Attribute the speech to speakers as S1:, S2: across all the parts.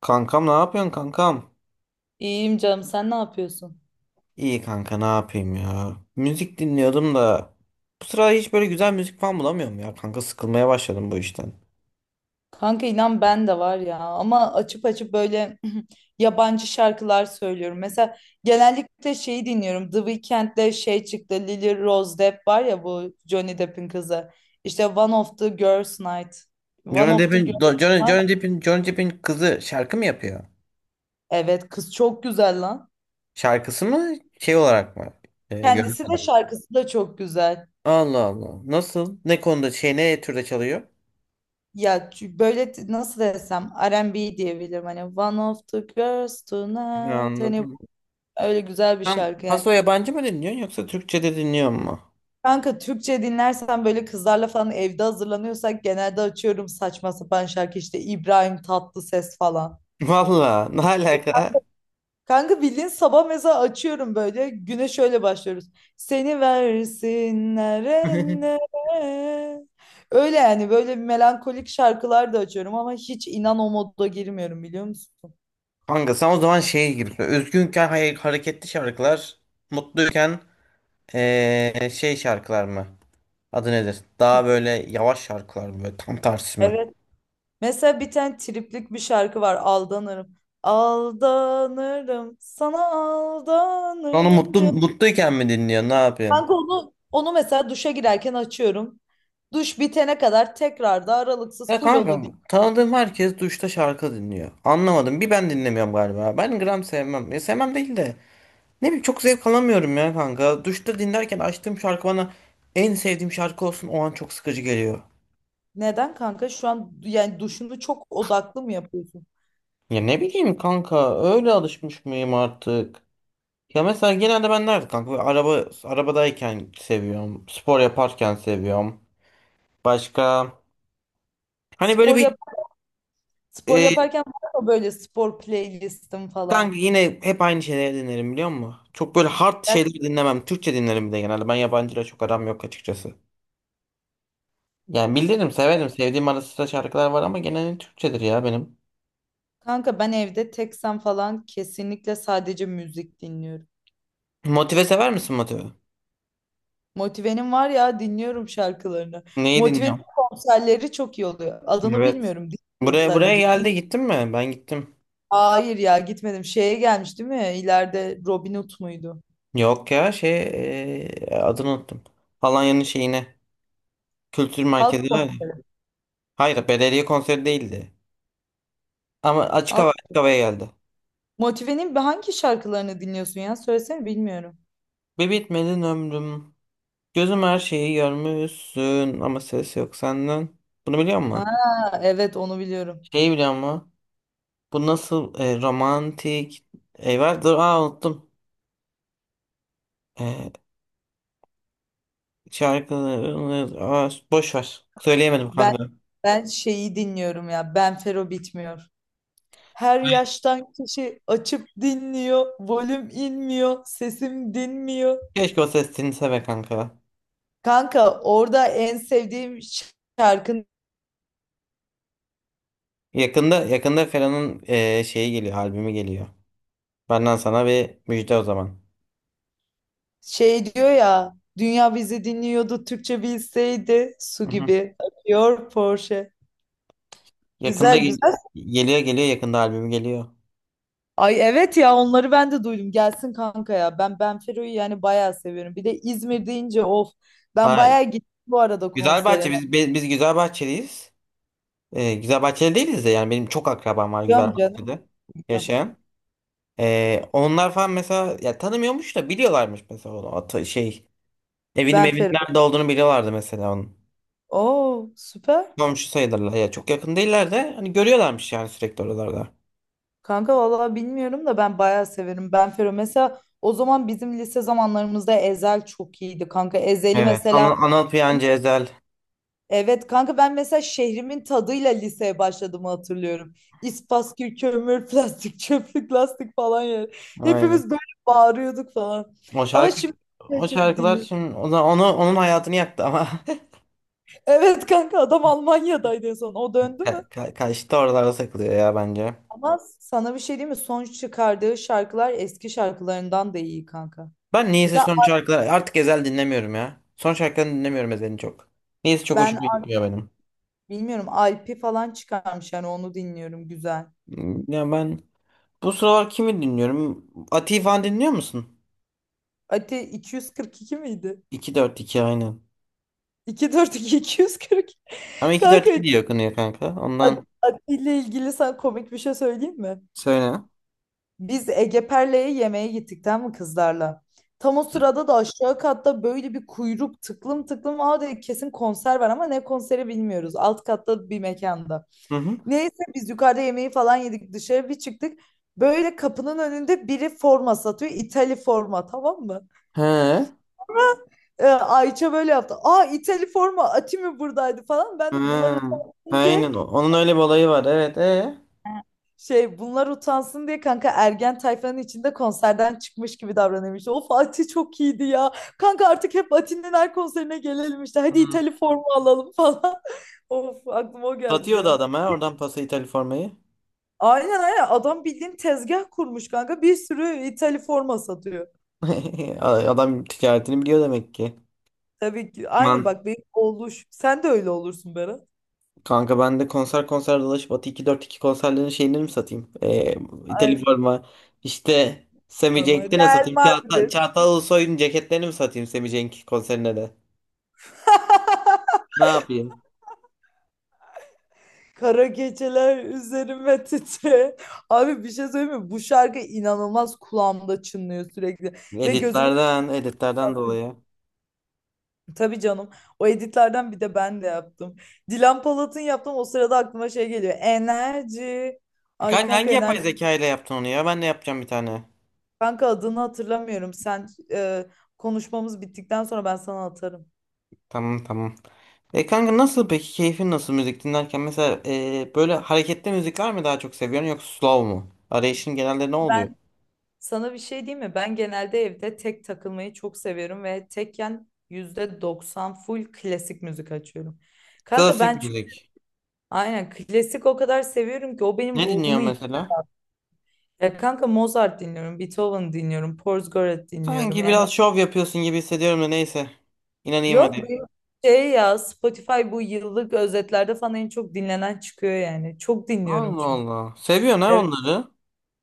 S1: Kankam ne yapıyorsun kankam?
S2: İyiyim canım, sen ne yapıyorsun?
S1: İyi kanka ne yapayım ya. Müzik dinliyordum da bu sıra hiç böyle güzel müzik falan bulamıyorum ya kanka sıkılmaya başladım bu işten.
S2: Kanka inan ben de var ya, ama açıp açıp böyle yabancı şarkılar söylüyorum. Mesela genellikle şeyi dinliyorum. The Weeknd'de şey çıktı, Lily Rose Depp var ya, bu Johnny Depp'in kızı. İşte One of the Girls Night. One
S1: Johnny
S2: of the
S1: Depp'in
S2: Girls
S1: Do- Johnny,
S2: Night.
S1: Johnny Depp'in Johnny Depp'in kızı şarkı mı yapıyor?
S2: Evet, kız çok güzel lan.
S1: Şarkısı mı şey olarak mı? Görünüm
S2: Kendisi de
S1: olarak.
S2: şarkısı da çok güzel.
S1: Allah Allah. Nasıl? Ne konuda şey ne türde çalıyor?
S2: Ya böyle nasıl desem, R&B diyebilirim, hani One of the Girls
S1: Ya
S2: Tonight, hani
S1: anladım.
S2: öyle güzel bir
S1: Sen
S2: şarkı yani.
S1: paso yabancı mı dinliyorsun yoksa Türkçe de dinliyor mu?
S2: Kanka Türkçe dinlersen, böyle kızlarla falan evde hazırlanıyorsak genelde açıyorum saçma sapan şarkı, işte İbrahim Tatlıses falan.
S1: Valla ne alaka?
S2: Kanka bildiğin sabah mesela açıyorum, böyle güne şöyle başlıyoruz. Seni versinler ellere. Öyle yani, böyle melankolik şarkılar da açıyorum ama hiç inan o moda girmiyorum, biliyor musun?
S1: Kanka sen o zaman şeye gibisin. Üzgünken hareketli şarkılar, mutluyken şey şarkılar mı? Adı nedir? Daha böyle yavaş şarkılar mı? Böyle tam tersi mi?
S2: Evet. Mesela bir tane triplik bir şarkı var, Aldanırım. Aldanırım sana,
S1: Onu
S2: aldanırım
S1: mutlu,
S2: canım.
S1: mutluyken mi dinliyorsun? Ne yapıyorsun?
S2: Kanka onu mesela duşa girerken açıyorum. Duş bitene kadar tekrar da aralıksız
S1: Ya
S2: full
S1: kanka
S2: onu.
S1: tanıdığım herkes duşta şarkı dinliyor. Anlamadım. Bir ben dinlemiyorum galiba. Ben gram sevmem. Ya sevmem değil de. Ne bileyim çok zevk alamıyorum ya kanka. Duşta dinlerken açtığım şarkı bana en sevdiğim şarkı olsun o an çok sıkıcı geliyor.
S2: Neden kanka? Şu an yani duşunu çok odaklı mı yapıyorsun?
S1: Ya ne bileyim kanka öyle alışmış mıyım artık? Ya mesela genelde ben nerede kanka? Böyle arabadayken seviyorum. Spor yaparken seviyorum. Başka? Hani böyle
S2: Spor
S1: bir
S2: yap spor
S1: e,
S2: yaparken var mı böyle spor playlistim
S1: kanka
S2: falan?
S1: yine hep aynı şeyleri dinlerim biliyor musun? Çok böyle hard
S2: Ya
S1: şeyleri dinlemem. Türkçe dinlerim bir de genelde. Ben yabancıyla çok aram yok açıkçası. Yani bilirim severim. Sevdiğim ara sıra şarkılar var ama genelde Türkçedir ya benim.
S2: kanka, ben evde teksem falan kesinlikle sadece müzik dinliyorum.
S1: Motive sever misin Motive?
S2: Motive'nin var ya, dinliyorum şarkılarını.
S1: Neyi
S2: Motive'nin
S1: dinliyorum?
S2: konserleri çok iyi oluyor. Adını
S1: Evet.
S2: bilmiyorum, dinliyorum
S1: Buraya
S2: sadece.
S1: geldi gittin mi? Ben gittim.
S2: Hayır ya, gitmedim. Şeye gelmiş değil mi? İleride Robin Hood muydu?
S1: Yok ya adını unuttum. Alanya'nın şeyine. Kültür
S2: Halk
S1: merkezi var ya.
S2: kon-
S1: Hayır, belediye konseri değildi. Ama açık hava açık
S2: Halk-
S1: havaya geldi.
S2: Motive'nin hangi şarkılarını dinliyorsun ya? Söylesene bilmiyorum.
S1: Bir bitmedin ömrüm. Gözüm her şeyi görmüşsün ama ses yok senden. Bunu biliyor
S2: Ha,
S1: musun?
S2: evet onu biliyorum.
S1: Şeyi biliyor musun? Bu nasıl romantik var? Dur unuttum. E, Şarkıları boş ver. Söyleyemedim
S2: Ben
S1: kanka.
S2: ben şeyi dinliyorum ya. Ben Fero bitmiyor. Her yaştan kişi açıp dinliyor. Volüm inmiyor. Sesim dinmiyor.
S1: Keşke o ses dinlese be kanka.
S2: Kanka orada en sevdiğim şarkın
S1: Yakında Ferhan'ın şeyi geliyor, albümü geliyor. Benden sana bir müjde o zaman.
S2: şey diyor ya: dünya bizi dinliyordu Türkçe bilseydi, su
S1: Hı hı.
S2: gibi akıyor Porsche.
S1: Yakında
S2: Güzel
S1: gel-
S2: güzel.
S1: geliyor geliyor yakında albüm geliyor.
S2: Ay evet ya, onları ben de duydum. Gelsin kanka ya. Ben Fero'yu yani bayağı seviyorum. Bir de İzmir deyince of. Ben
S1: Ha,
S2: bayağı gittim bu arada
S1: Güzelbahçe
S2: konserine.
S1: biz Güzelbahçeliyiz. Güzelbahçeli değiliz de yani benim çok akrabam var
S2: Biliyorum canım.
S1: Güzelbahçe'de
S2: Biliyorum.
S1: yaşayan. Onlar falan mesela ya tanımıyormuş da biliyorlarmış mesela onu atı şey evinin
S2: Ben
S1: evinin
S2: Fero.
S1: nerede olduğunu biliyorlardı mesela onun.
S2: Oo süper.
S1: Komşu sayılırlar ya çok yakın değiller de hani görüyorlarmış yani sürekli oralarda.
S2: Kanka vallahi bilmiyorum da, ben bayağı severim. Ben Fero mesela, o zaman bizim lise zamanlarımızda Ezel çok iyiydi kanka. Ezel'i
S1: Evet. Anıl,
S2: mesela
S1: Anıl Piyancı Ezel.
S2: Evet kanka, ben mesela şehrimin tadıyla liseye başladığımı hatırlıyorum. İspaskül, kömür, plastik, çöplük, lastik falan yani.
S1: Aynen.
S2: Hepimiz böyle bağırıyorduk falan.
S1: O
S2: Ama
S1: şarkı
S2: şimdi
S1: o
S2: açıp
S1: şarkılar
S2: dinliyorum.
S1: şimdi o zaman onun hayatını yaktı ama.
S2: Evet kanka, adam Almanya'daydı en son. O döndü
S1: Ka
S2: mü?
S1: ka Kaş'ta oralarda takılıyor ya bence.
S2: Ama sana bir şey diyeyim mi? Son çıkardığı şarkılar eski şarkılarından da iyi kanka.
S1: Ben niyeyse
S2: Mesela
S1: son şarkıları artık Ezel dinlemiyorum ya. Son şarkılarını dinlemiyorum Ezel'in çok. Niyeyse çok
S2: ben
S1: hoşuma gitmiyor benim.
S2: Bilmiyorum, Alp'i falan çıkarmış yani onu dinliyorum, güzel.
S1: Ya ben bu sıralar kimi dinliyorum? Ati'yi falan dinliyor musun?
S2: Ati 242 miydi?
S1: 2 dört iki aynen.
S2: 242 240.
S1: Ama iki dört
S2: Kanka
S1: iki diye okunuyor kanka. Ondan
S2: Atilla ile ilgili sana komik bir şey söyleyeyim mi?
S1: söyle.
S2: Biz Ege Perle'ye yemeğe gittik, tamam mı kızlarla? Tam o sırada da aşağı katta böyle bir kuyruk tıklım tıklım. Aa dedik kesin konser var, ama ne konseri bilmiyoruz. Alt katta bir mekanda.
S1: Hı hı.
S2: Neyse biz yukarıda yemeği falan yedik, dışarı bir çıktık. Böyle kapının önünde biri forma satıyor. İtali forma, tamam mı?
S1: He.
S2: Ayça böyle yaptı. Aa, İtali forma Atimi buradaydı falan.
S1: He.
S2: Ben de bunlar utansın diye
S1: Aynen. Onun öyle bir olayı var. Evet. E.
S2: şey bunlar utansın diye kanka, ergen tayfanın içinde konserden çıkmış gibi davranıyormuş. İşte, of Ati çok iyiydi ya. Kanka artık hep Ati'nin her konserine gelelim işte.
S1: Hı.
S2: Hadi İtali forma alalım falan. Of aklıma o geldi bir
S1: Satıyordu
S2: an.
S1: adam ha. Oradan pası İtalya formayı.
S2: Aynen, aynen adam bildiğin tezgah kurmuş kanka. Bir sürü İtali forma satıyor.
S1: Adam ticaretini biliyor demek ki.
S2: Tabii ki aynı
S1: Man.
S2: bak benim oluş. Sen de öyle olursun Berat.
S1: Kanka ben de konser konser dolaşıp Atı 242 konserlerinin şeylerini mi satayım? Telif
S2: Aynen.
S1: forma. İşte Semi
S2: Normal.
S1: Cenk'te ne
S2: Real
S1: satayım? Çağata,
S2: Madrid.
S1: Çağatay Ulusoy'un ceketlerini mi satayım Semi Cenk konserine de? Ne yapayım?
S2: Kara geceler üzerime titre. Abi bir şey söyleyeyim mi? Bu şarkı inanılmaz kulağımda çınlıyor sürekli. Ve gözümün
S1: Editlerden dolayı.
S2: tabii canım. O editlerden bir de ben de yaptım. Dilan Polat'ın yaptım. O sırada aklıma şey geliyor. Enerji. Ay
S1: Kanka
S2: kanka,
S1: hangi
S2: enerji.
S1: yapay zeka ile yaptın onu ya? Ben de yapacağım bir tane.
S2: Kanka adını hatırlamıyorum. Sen konuşmamız bittikten sonra ben sana atarım.
S1: Tamam tamam. Kanka nasıl peki keyfin nasıl müzik dinlerken? Mesela böyle hareketli müzikler mi daha çok seviyorsun yoksa slow mu? Arayışın genelde ne oluyor?
S2: Sana bir şey diyeyim mi? Ben genelde evde tek takılmayı çok seviyorum ve tekken %90 full klasik müzik açıyorum. Kanka
S1: Klasik
S2: ben çünkü
S1: müzik.
S2: aynen klasik o kadar seviyorum ki o benim
S1: Ne
S2: ruhumu
S1: dinliyorsun
S2: yiyor.
S1: mesela?
S2: Ya kanka, Mozart dinliyorum, Beethoven dinliyorum, Porzgorat dinliyorum.
S1: Sanki
S2: Yani
S1: biraz şov yapıyorsun gibi hissediyorum da neyse. İnanayım
S2: yok, bu
S1: hadi.
S2: şey ya, Spotify bu yıllık özetlerde falan en çok dinlenen çıkıyor yani. Çok dinliyorum
S1: Allah
S2: çünkü.
S1: Allah. Seviyorsun ha onları.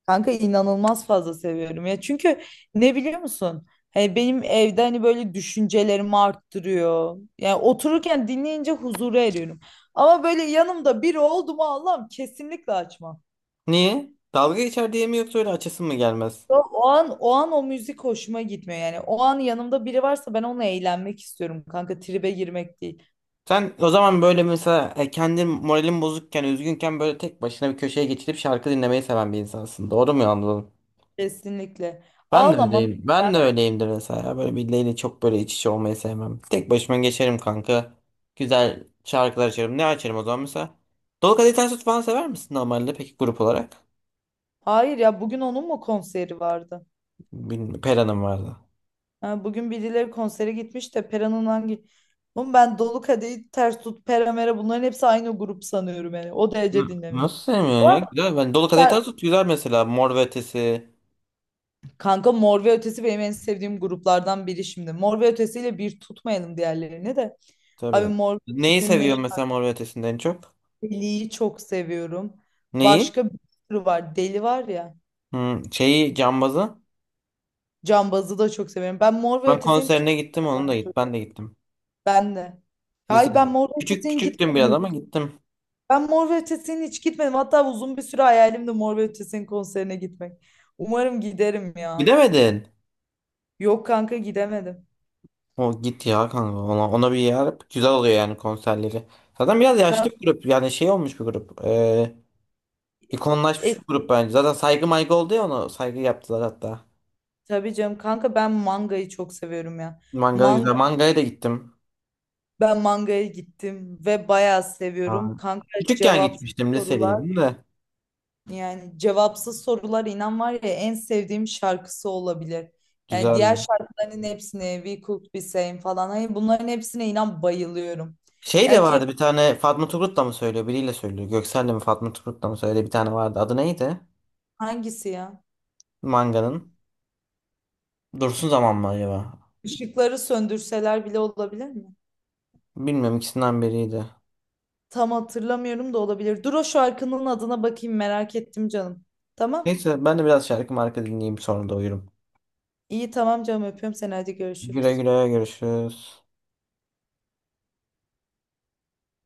S2: Kanka inanılmaz fazla seviyorum ya. Çünkü ne biliyor musun? Hani benim evde hani böyle düşüncelerimi arttırıyor. Yani otururken dinleyince huzura eriyorum. Ama böyle yanımda biri oldu mu Allah'ım, kesinlikle açmam.
S1: Niye? Dalga geçer diye mi yoksa öyle açısın mı gelmez?
S2: O an o müzik hoşuma gitmiyor yani. O an yanımda biri varsa ben onunla eğlenmek istiyorum kanka. Tribe girmek değil.
S1: Sen o zaman böyle mesela kendin moralin bozukken, üzgünken böyle tek başına bir köşeye geçilip şarkı dinlemeyi seven bir insansın. Doğru mu anladım?
S2: Kesinlikle.
S1: Ben de
S2: Ağlamam.
S1: öyleyim. Ben de öyleyimdir mesela. Böyle birileriyle çok böyle iç içe olmayı sevmem. Tek başıma geçerim kanka. Güzel şarkılar açarım. Ne açarım o zaman mesela? Dolu Kadehi Ters Tut falan sever misin normalde peki grup olarak?
S2: Hayır ya, bugün onun mu konseri vardı?
S1: Bilmiyorum. Pera'nın vardı.
S2: Ha, bugün birileri konsere gitmiş de Pera'nın hangi... Oğlum ben Dolu Kadehi Ters Tut, Pera Mera, bunların hepsi aynı grup sanıyorum yani. O
S1: N-
S2: derece dinlemiyorum.
S1: Nasıl sevmiyorsun ya?
S2: Ama
S1: Güzel. Ben Dolu Kadehi
S2: şar-
S1: Tart güzel mesela. Mor ve Ötesi.
S2: Kanka Mor ve Ötesi benim en sevdiğim gruplardan biri şimdi. Mor ve Ötesi'yle bir tutmayalım diğerlerini de. Abi
S1: Tabii.
S2: Mor ve
S1: Neyi
S2: Ötesi'nin
S1: seviyor mesela Mor ve Ötesi'nden en çok?
S2: Neşeli'yi çok seviyorum.
S1: Neyi?
S2: Başka bir sürü var. Deli var ya.
S1: Şeyi Cambaz'ı.
S2: Cambazı da çok seviyorum. Ben Mor ve
S1: Ben
S2: Ötesi'nin tüm...
S1: konserine gittim onun da git. Ben de gittim.
S2: Ben de. Hayır ben
S1: Lisede.
S2: Mor ve
S1: Küçük
S2: Ötesi'nin
S1: küçüktüm biraz
S2: gitmedim.
S1: ama gittim.
S2: Ben Mor ve Ötesi'ne hiç gitmedim. Hatta uzun bir süre hayalim de Mor ve Ötesi'nin konserine gitmek. Umarım giderim ya.
S1: Gidemedin.
S2: Yok kanka, gidemedim.
S1: O git ya kanka ona bir yer güzel oluyor yani konserleri. Zaten biraz
S2: Kanka,
S1: yaşlı bir grup yani şey olmuş bir grup. İkonlaşmış bir grup bence. Zaten saygı maygı oldu ya onu saygı yaptılar hatta.
S2: tabii canım kanka, ben mangayı çok seviyorum ya.
S1: Mangala
S2: Manga
S1: güzel. Mangaya da gittim.
S2: Ben mangaya gittim ve bayağı
S1: Ha.
S2: seviyorum. Kanka
S1: Küçükken
S2: cevapsız
S1: gitmiştim
S2: sorular,
S1: lisedeydim de.
S2: yani cevapsız sorular inan var ya en sevdiğim şarkısı olabilir. Yani diğer
S1: Güzeldi.
S2: şarkıların hepsine We Could Be Same falan. Hani bunların hepsine inan bayılıyorum.
S1: Şey de
S2: Ya
S1: vardı
S2: keşke
S1: bir tane Fatma Turgut da mı söylüyor biriyle söylüyor. Göksel'le mi Fatma Turgut da mı söylüyor bir tane vardı. Adı neydi?
S2: hangisi ya?
S1: Manganın. Dursun Zaman mı acaba?
S2: Işıkları söndürseler bile olabilir mi?
S1: Bilmiyorum ikisinden biriydi.
S2: Tam hatırlamıyorum da olabilir. Dur o şarkının adına bakayım, merak ettim canım. Tamam.
S1: Neyse ben de biraz şarkı marka dinleyeyim sonra da uyurum.
S2: İyi tamam canım, öpüyorum seni, hadi
S1: Güle
S2: görüşürüz.
S1: güle görüşürüz.